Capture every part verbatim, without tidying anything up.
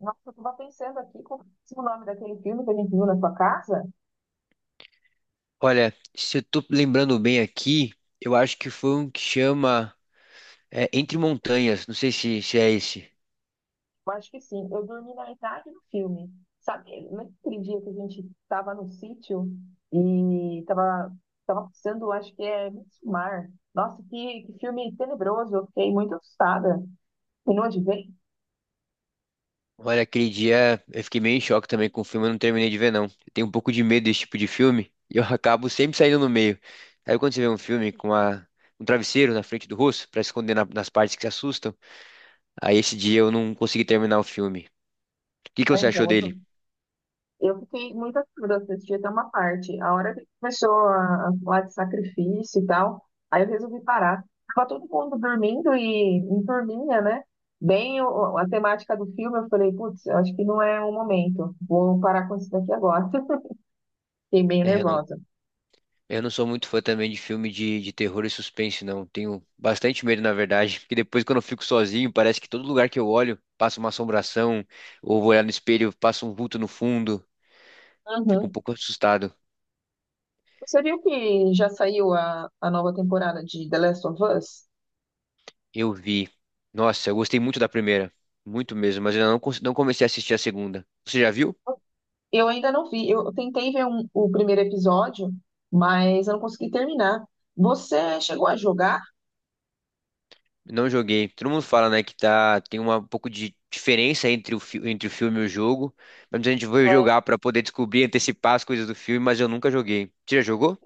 Nossa, eu tava pensando aqui qual é o nome daquele filme que a gente viu na sua casa? Olha, se eu tô lembrando bem aqui, eu acho que foi um que chama é, Entre Montanhas. Não sei se, se é esse. Eu acho que sim, eu dormi na metade do filme. Sabe, naquele dia que a gente estava no sítio e estava tava passando, acho que é Midsommar. Nossa, que, que filme tenebroso, eu fiquei muito assustada. E não adivinhei, Olha, aquele dia eu fiquei meio em choque também com o filme, eu não terminei de ver, não. Eu tenho um pouco de medo desse tipo de filme e eu acabo sempre saindo no meio. Sabe quando você vê um filme com a- um travesseiro na frente do rosto pra esconder na- nas partes que se assustam? Aí esse dia eu não consegui terminar o filme. O que que né? você achou Então, dele? assim, eu fiquei muito assustada, eu assisti até uma parte. A hora que começou a, a falar de sacrifício e tal, aí eu resolvi parar. Tava todo mundo dormindo e em turminha, né? Bem o- a temática do filme, eu falei, putz, eu acho que não é o momento. Vou parar com isso daqui agora. Fiquei bem É, nervosa. eu não sou muito fã também de filme de, de terror e suspense, não. Tenho bastante medo, na verdade, porque depois quando eu fico sozinho, parece que todo lugar que eu olho passa uma assombração, ou vou olhar no espelho, passa um vulto no fundo. Fico um Uhum. pouco assustado. Você viu que já saiu a, a nova temporada de The Last of Us? Eu vi. Nossa, eu gostei muito da primeira. Muito mesmo, mas eu não, cons- não comecei a assistir a segunda. Você já viu? Eu ainda não vi. Eu tentei ver um- o primeiro episódio, mas eu não consegui terminar. Você chegou a jogar? Não joguei. Todo mundo fala, né, que tá, tem uma, um pouco de diferença entre o, fi- entre o filme e o jogo. Mas a gente vai jogar pra poder descobrir, antecipar as coisas do filme, mas eu nunca joguei. Você já jogou?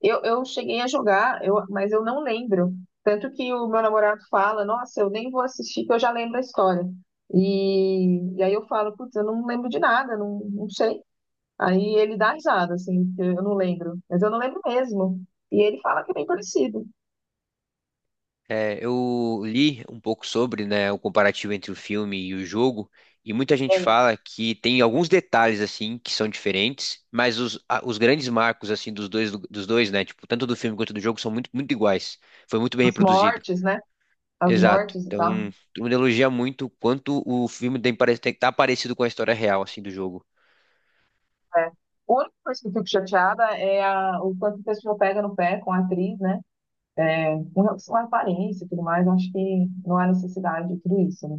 Eu, eu cheguei a jogar, eu, mas eu não lembro. Tanto que o meu namorado fala, nossa, eu nem vou assistir, que eu já lembro a história. E, e aí eu falo, putz, eu não lembro de nada, não, não sei. Aí ele dá risada, assim, porque eu não lembro. Mas eu não lembro mesmo. E ele fala que é bem parecido. É, eu li um pouco sobre, né, o comparativo entre o filme e o jogo, e muita E gente aí, fala que tem alguns detalhes assim que são diferentes, mas os, a- os grandes marcos assim dos dois, dos dois, né, tipo, tanto do filme quanto do jogo são muito, muito iguais. Foi muito bem as reproduzido. mortes, né? As Exato. mortes e Então, tal. todo mundo elogia muito quanto o filme tem, pare- tem tá parecido com a história real assim do jogo. É. A única coisa que eu fico chateada é a- o quanto o pessoal pega no pé com a atriz, né? É, com relação à aparência e tudo mais, eu acho que não há necessidade de tudo isso, né?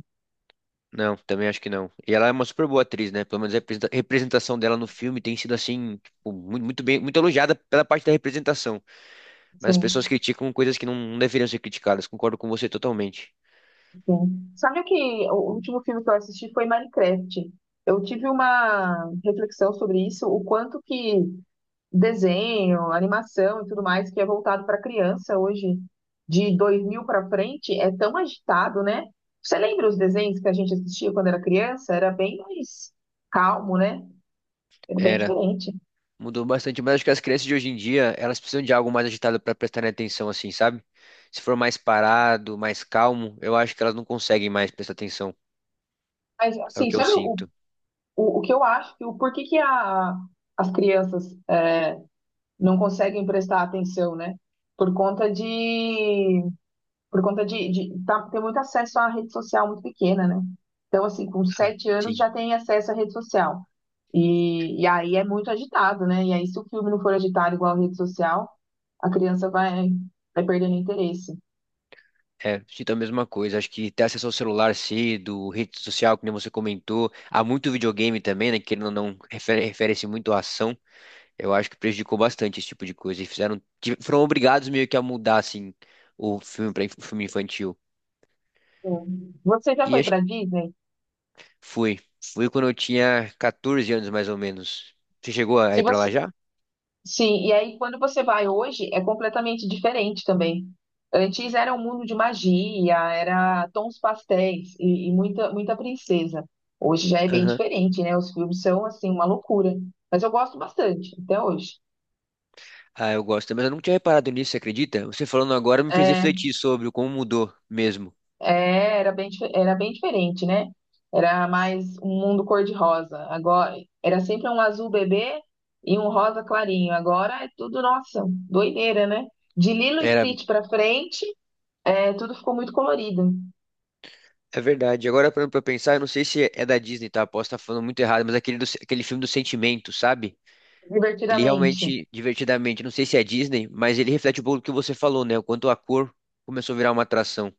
Não, também acho que não. E ela é uma super boa atriz, né? Pelo menos a representa- representação dela no filme tem sido assim, tipo, mu- muito bem, muito elogiada pela parte da representação. Mas as pessoas Sim. criticam coisas que não não deveriam ser criticadas. Concordo com você totalmente. Sim. Sabe o que o último filme que eu assisti foi Minecraft. Eu tive uma reflexão sobre isso, o quanto que desenho, animação e tudo mais que é voltado para criança hoje, de dois mil para frente, é tão agitado, né? Você lembra os desenhos que a gente assistia quando era criança? Era bem mais calmo, né? Era bem Era. diferente. Mudou bastante, mas acho que as crianças de hoje em dia, elas precisam de algo mais agitado para prestarem atenção, assim, sabe? Se for mais parado, mais calmo, eu acho que elas não conseguem mais prestar atenção. Mas, É o assim, que eu sabe o, sinto. o, o que eu acho que o porquê que a, as crianças é, não conseguem prestar atenção, né? Por conta de, por conta de, de tá- ter muito acesso à rede social muito pequena, né? Então, assim, com Ah, sete anos sim. já tem acesso à rede social. E, e aí é muito agitado, né? E aí, se o filme não for agitado igual a rede social, a criança vai, vai perdendo interesse. É, sinto a mesma coisa. Acho que ter acesso ao celular cedo, rede social, que nem você comentou, há muito videogame também, né? Querendo ou não, refere- refere-se muito à ação. Eu acho que prejudicou bastante esse tipo de coisa. E fizeram, tive- foram obrigados meio que a mudar, assim, o filme para filme infantil. Sim. Você já E foi acho para que Disney? fui. Fui quando eu tinha catorze anos, mais ou menos. Você chegou a Se ir pra você, lá já? Sim, e aí quando você vai hoje é completamente diferente também. Antes era um mundo de magia, era tons pastéis e, e muita, muita princesa. Hoje já é bem Aham. diferente, né? Os filmes são assim uma loucura. Mas eu gosto bastante até hoje. Ah, eu gosto, mas eu não tinha reparado nisso, você acredita? Você falando agora me fez É, refletir sobre como mudou mesmo. é, era bem, dife- era bem diferente, né? Era mais um mundo cor-de-rosa. Agora era sempre um azul bebê e um rosa clarinho. Agora é tudo, nossa, doideira, né? De Lilo e Era. Stitch pra frente. É, tudo ficou muito colorido, É verdade. Agora, parando pra pensar, eu não sei se é da Disney, tá? Posso estar falando muito errado, mas aquele, do- aquele filme do sentimento, sabe? Ele divertidamente. realmente, divertidamente, não sei se é Disney, mas ele reflete um pouco do que você falou, né? O quanto a cor começou a virar uma atração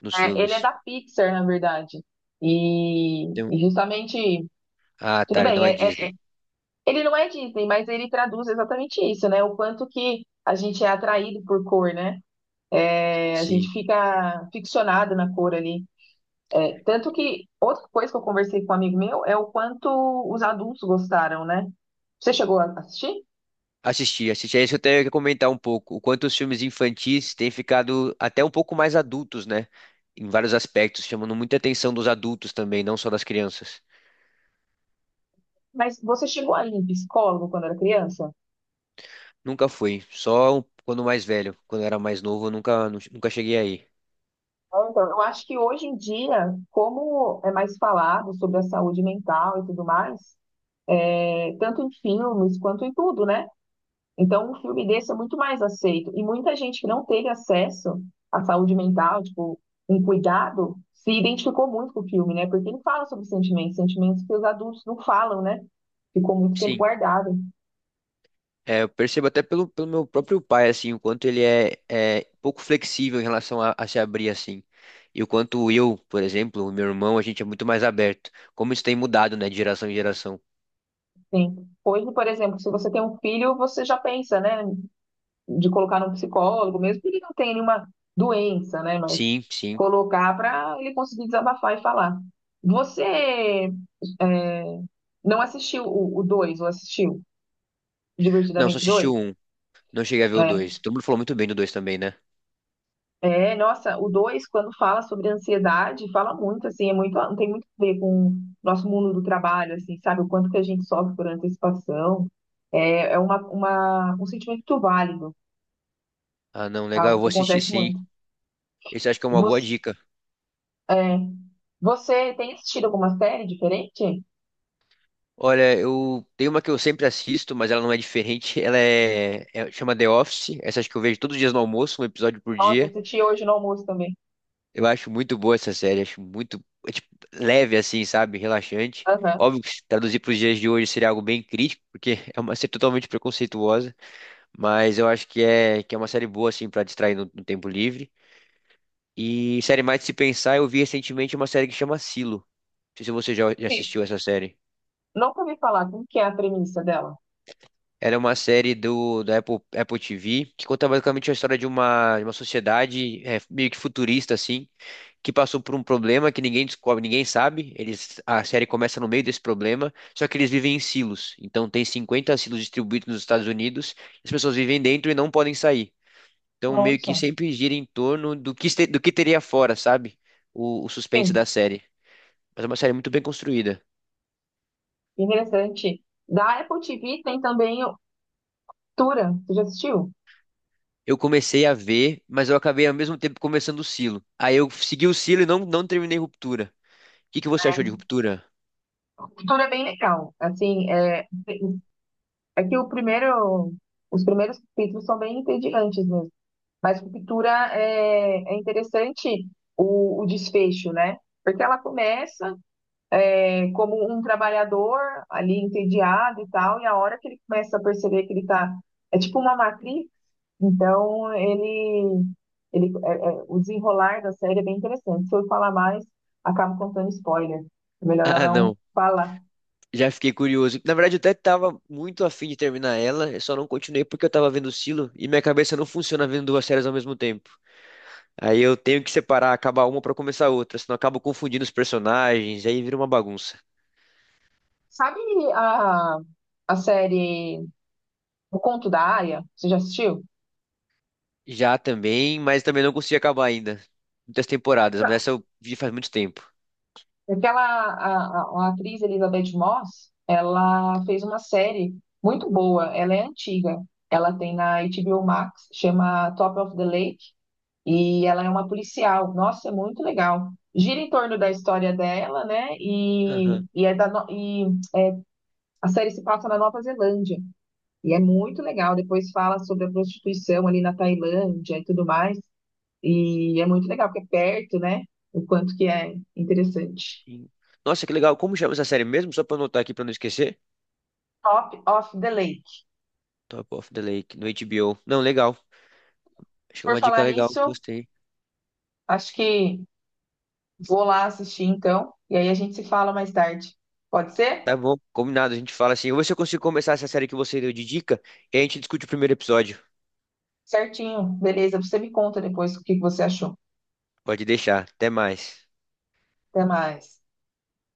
nos É, ele é filmes. da Pixar, na verdade. E, Tem- um, e justamente, Ah, tudo tá, bem, não é é- é- Disney. ele não é Disney, mas ele traduz exatamente isso, né? O quanto que a gente é atraído por cor, né? É, a gente Sim. fica ficcionado na cor ali. É, tanto que outra coisa que eu conversei com um amigo meu é o quanto os adultos gostaram, né? Você chegou a assistir? Assisti, assisti. É isso que eu tenho que comentar um pouco. O quanto os filmes infantis têm ficado até um pouco mais adultos, né? Em vários aspectos, chamando muita atenção dos adultos também, não só das crianças. Mas você chegou a ir em psicólogo quando era criança? Nunca fui, só quando mais velho. Quando eu era mais novo, eu nunca, nu- nunca cheguei aí. É, então, eu acho que hoje em dia, como é mais falado sobre a saúde mental e tudo mais, é, tanto em filmes quanto em tudo, né? Então, um filme desse é muito mais aceito. E muita gente que não teve acesso à saúde mental, tipo, um cuidado, se identificou muito com o filme, né? Porque ele fala sobre sentimentos, sentimentos que os adultos não falam, né? Ficou muito tempo Sim, guardado. é, eu percebo até pelo, pelo meu próprio pai, assim, o quanto ele é, é pouco flexível em relação a, a se abrir, assim. E o quanto eu, por exemplo, o meu irmão, a gente é muito mais aberto. Como isso tem mudado, né, de geração em geração. Sim. Hoje, por exemplo, se você tem um filho, você já pensa, né? De colocar num psicólogo mesmo, porque ele não tem nenhuma doença, né? Mas Sim, sim. colocar para ele conseguir desabafar e falar. Você é, não assistiu o dois? Ou assistiu Não, só Divertidamente assisti dois? o um, não cheguei a ver o É. dois. Todo mundo falou muito bem do dois também, né? É, nossa, o dois quando fala sobre ansiedade, fala muito, assim, é muito, tem muito a ver com o nosso mundo do trabalho, assim, sabe? O quanto que a gente sofre por antecipação. É, é uma, uma, um sentimento válido, Ah, não, legal, eu algo vou que assistir acontece sim. muito. Esse acho que é uma boa Você dica. É. Você tem assistido alguma série diferente? Olha, eu tenho uma que eu sempre assisto, mas ela não é diferente. Ela é, é- chama The Office. Essa acho que eu vejo todos os dias no almoço, um episódio por Nossa, dia. assisti hoje no almoço também. Eu acho muito boa essa série, acho muito é, tipo, leve assim, sabe? Relaxante. Aham. Óbvio que se traduzir para os dias de hoje seria algo bem crítico, porque é uma série totalmente preconceituosa, mas eu acho que é que é uma série boa assim para distrair no, no tempo livre. E série mais de se pensar, eu vi recentemente uma série que chama Silo. Não sei se você já já Sim. assistiu essa série. Nunca ouvi falar. Como que é a premissa dela? Era uma série do, da Apple, Apple T V que conta basicamente a história de uma, de uma sociedade é, meio que futurista, assim, que passou por um problema que ninguém descobre, ninguém sabe. Eles, a série começa no meio desse problema, só que eles vivem em silos. Então tem cinquenta silos distribuídos nos Estados Unidos, as pessoas vivem dentro e não podem sair. Então meio que Nossa. sempre gira em torno do que, este- do que teria fora, sabe? O, o suspense da Sim. série. Mas é uma série muito bem construída. Interessante. Da Apple T V tem também o Tura. Você já assistiu? Eu comecei a ver, mas eu acabei ao mesmo tempo começando o Silo. Aí eu segui o Silo e não, não terminei Ruptura. O que que você achou de É. Ruptura? Tura é bem legal. Assim, é, é que o primeiro, os primeiros capítulos são bem entediantes mesmo. Mas Ruptura é, é interessante o, o desfecho, né? Porque ela começa como um trabalhador ali entediado e tal, e a hora que ele começa a perceber que ele tá, é tipo uma matriz, então ele, ele é- é- o desenrolar da série é bem interessante. Se eu falar mais, acabo contando spoiler. É melhor eu Ah, não não. falar. Já fiquei curioso. Na verdade, eu até tava muito afim de terminar ela, eu só não continuei porque eu tava vendo o Silo e minha cabeça não funciona vendo duas séries ao mesmo tempo. Aí eu tenho que separar, acabar uma pra começar outra, senão eu acabo confundindo os personagens, aí vira uma bagunça. Sabe a, a série O Conto da Aia? Você já assistiu? Já também, mas também não consegui acabar ainda. Muitas temporadas, mas essa eu vi faz muito tempo. Aquela a, a, a atriz Elizabeth Moss, ela fez uma série muito boa, ela é antiga. Ela tem na H B O Max, chama Top of the Lake, e ela é uma policial. Nossa, é muito legal. Gira em torno da história dela, né? E, e, é da, no- e a série se passa na Nova Zelândia. E é muito legal. Depois fala sobre a prostituição ali na Tailândia e tudo mais. E é muito legal, porque é perto, né? O quanto que é interessante. Sim. Nossa, que legal. Como chama essa série mesmo? Só pra eu anotar aqui pra não esquecer. Top of the Lake. Top of the Lake, no H B O. Não, legal. Acho que é Por uma dica falar legal. nisso, Gostei. acho que vou lá assistir então, e aí a gente se fala mais tarde. Pode ser? Tá bom, combinado. A gente fala assim. Eu vou ver se eu consigo começar essa série que você deu de dica e a gente discute o primeiro episódio. Certinho, beleza. Você me conta depois o que que você achou. Pode deixar. Até mais. Até mais.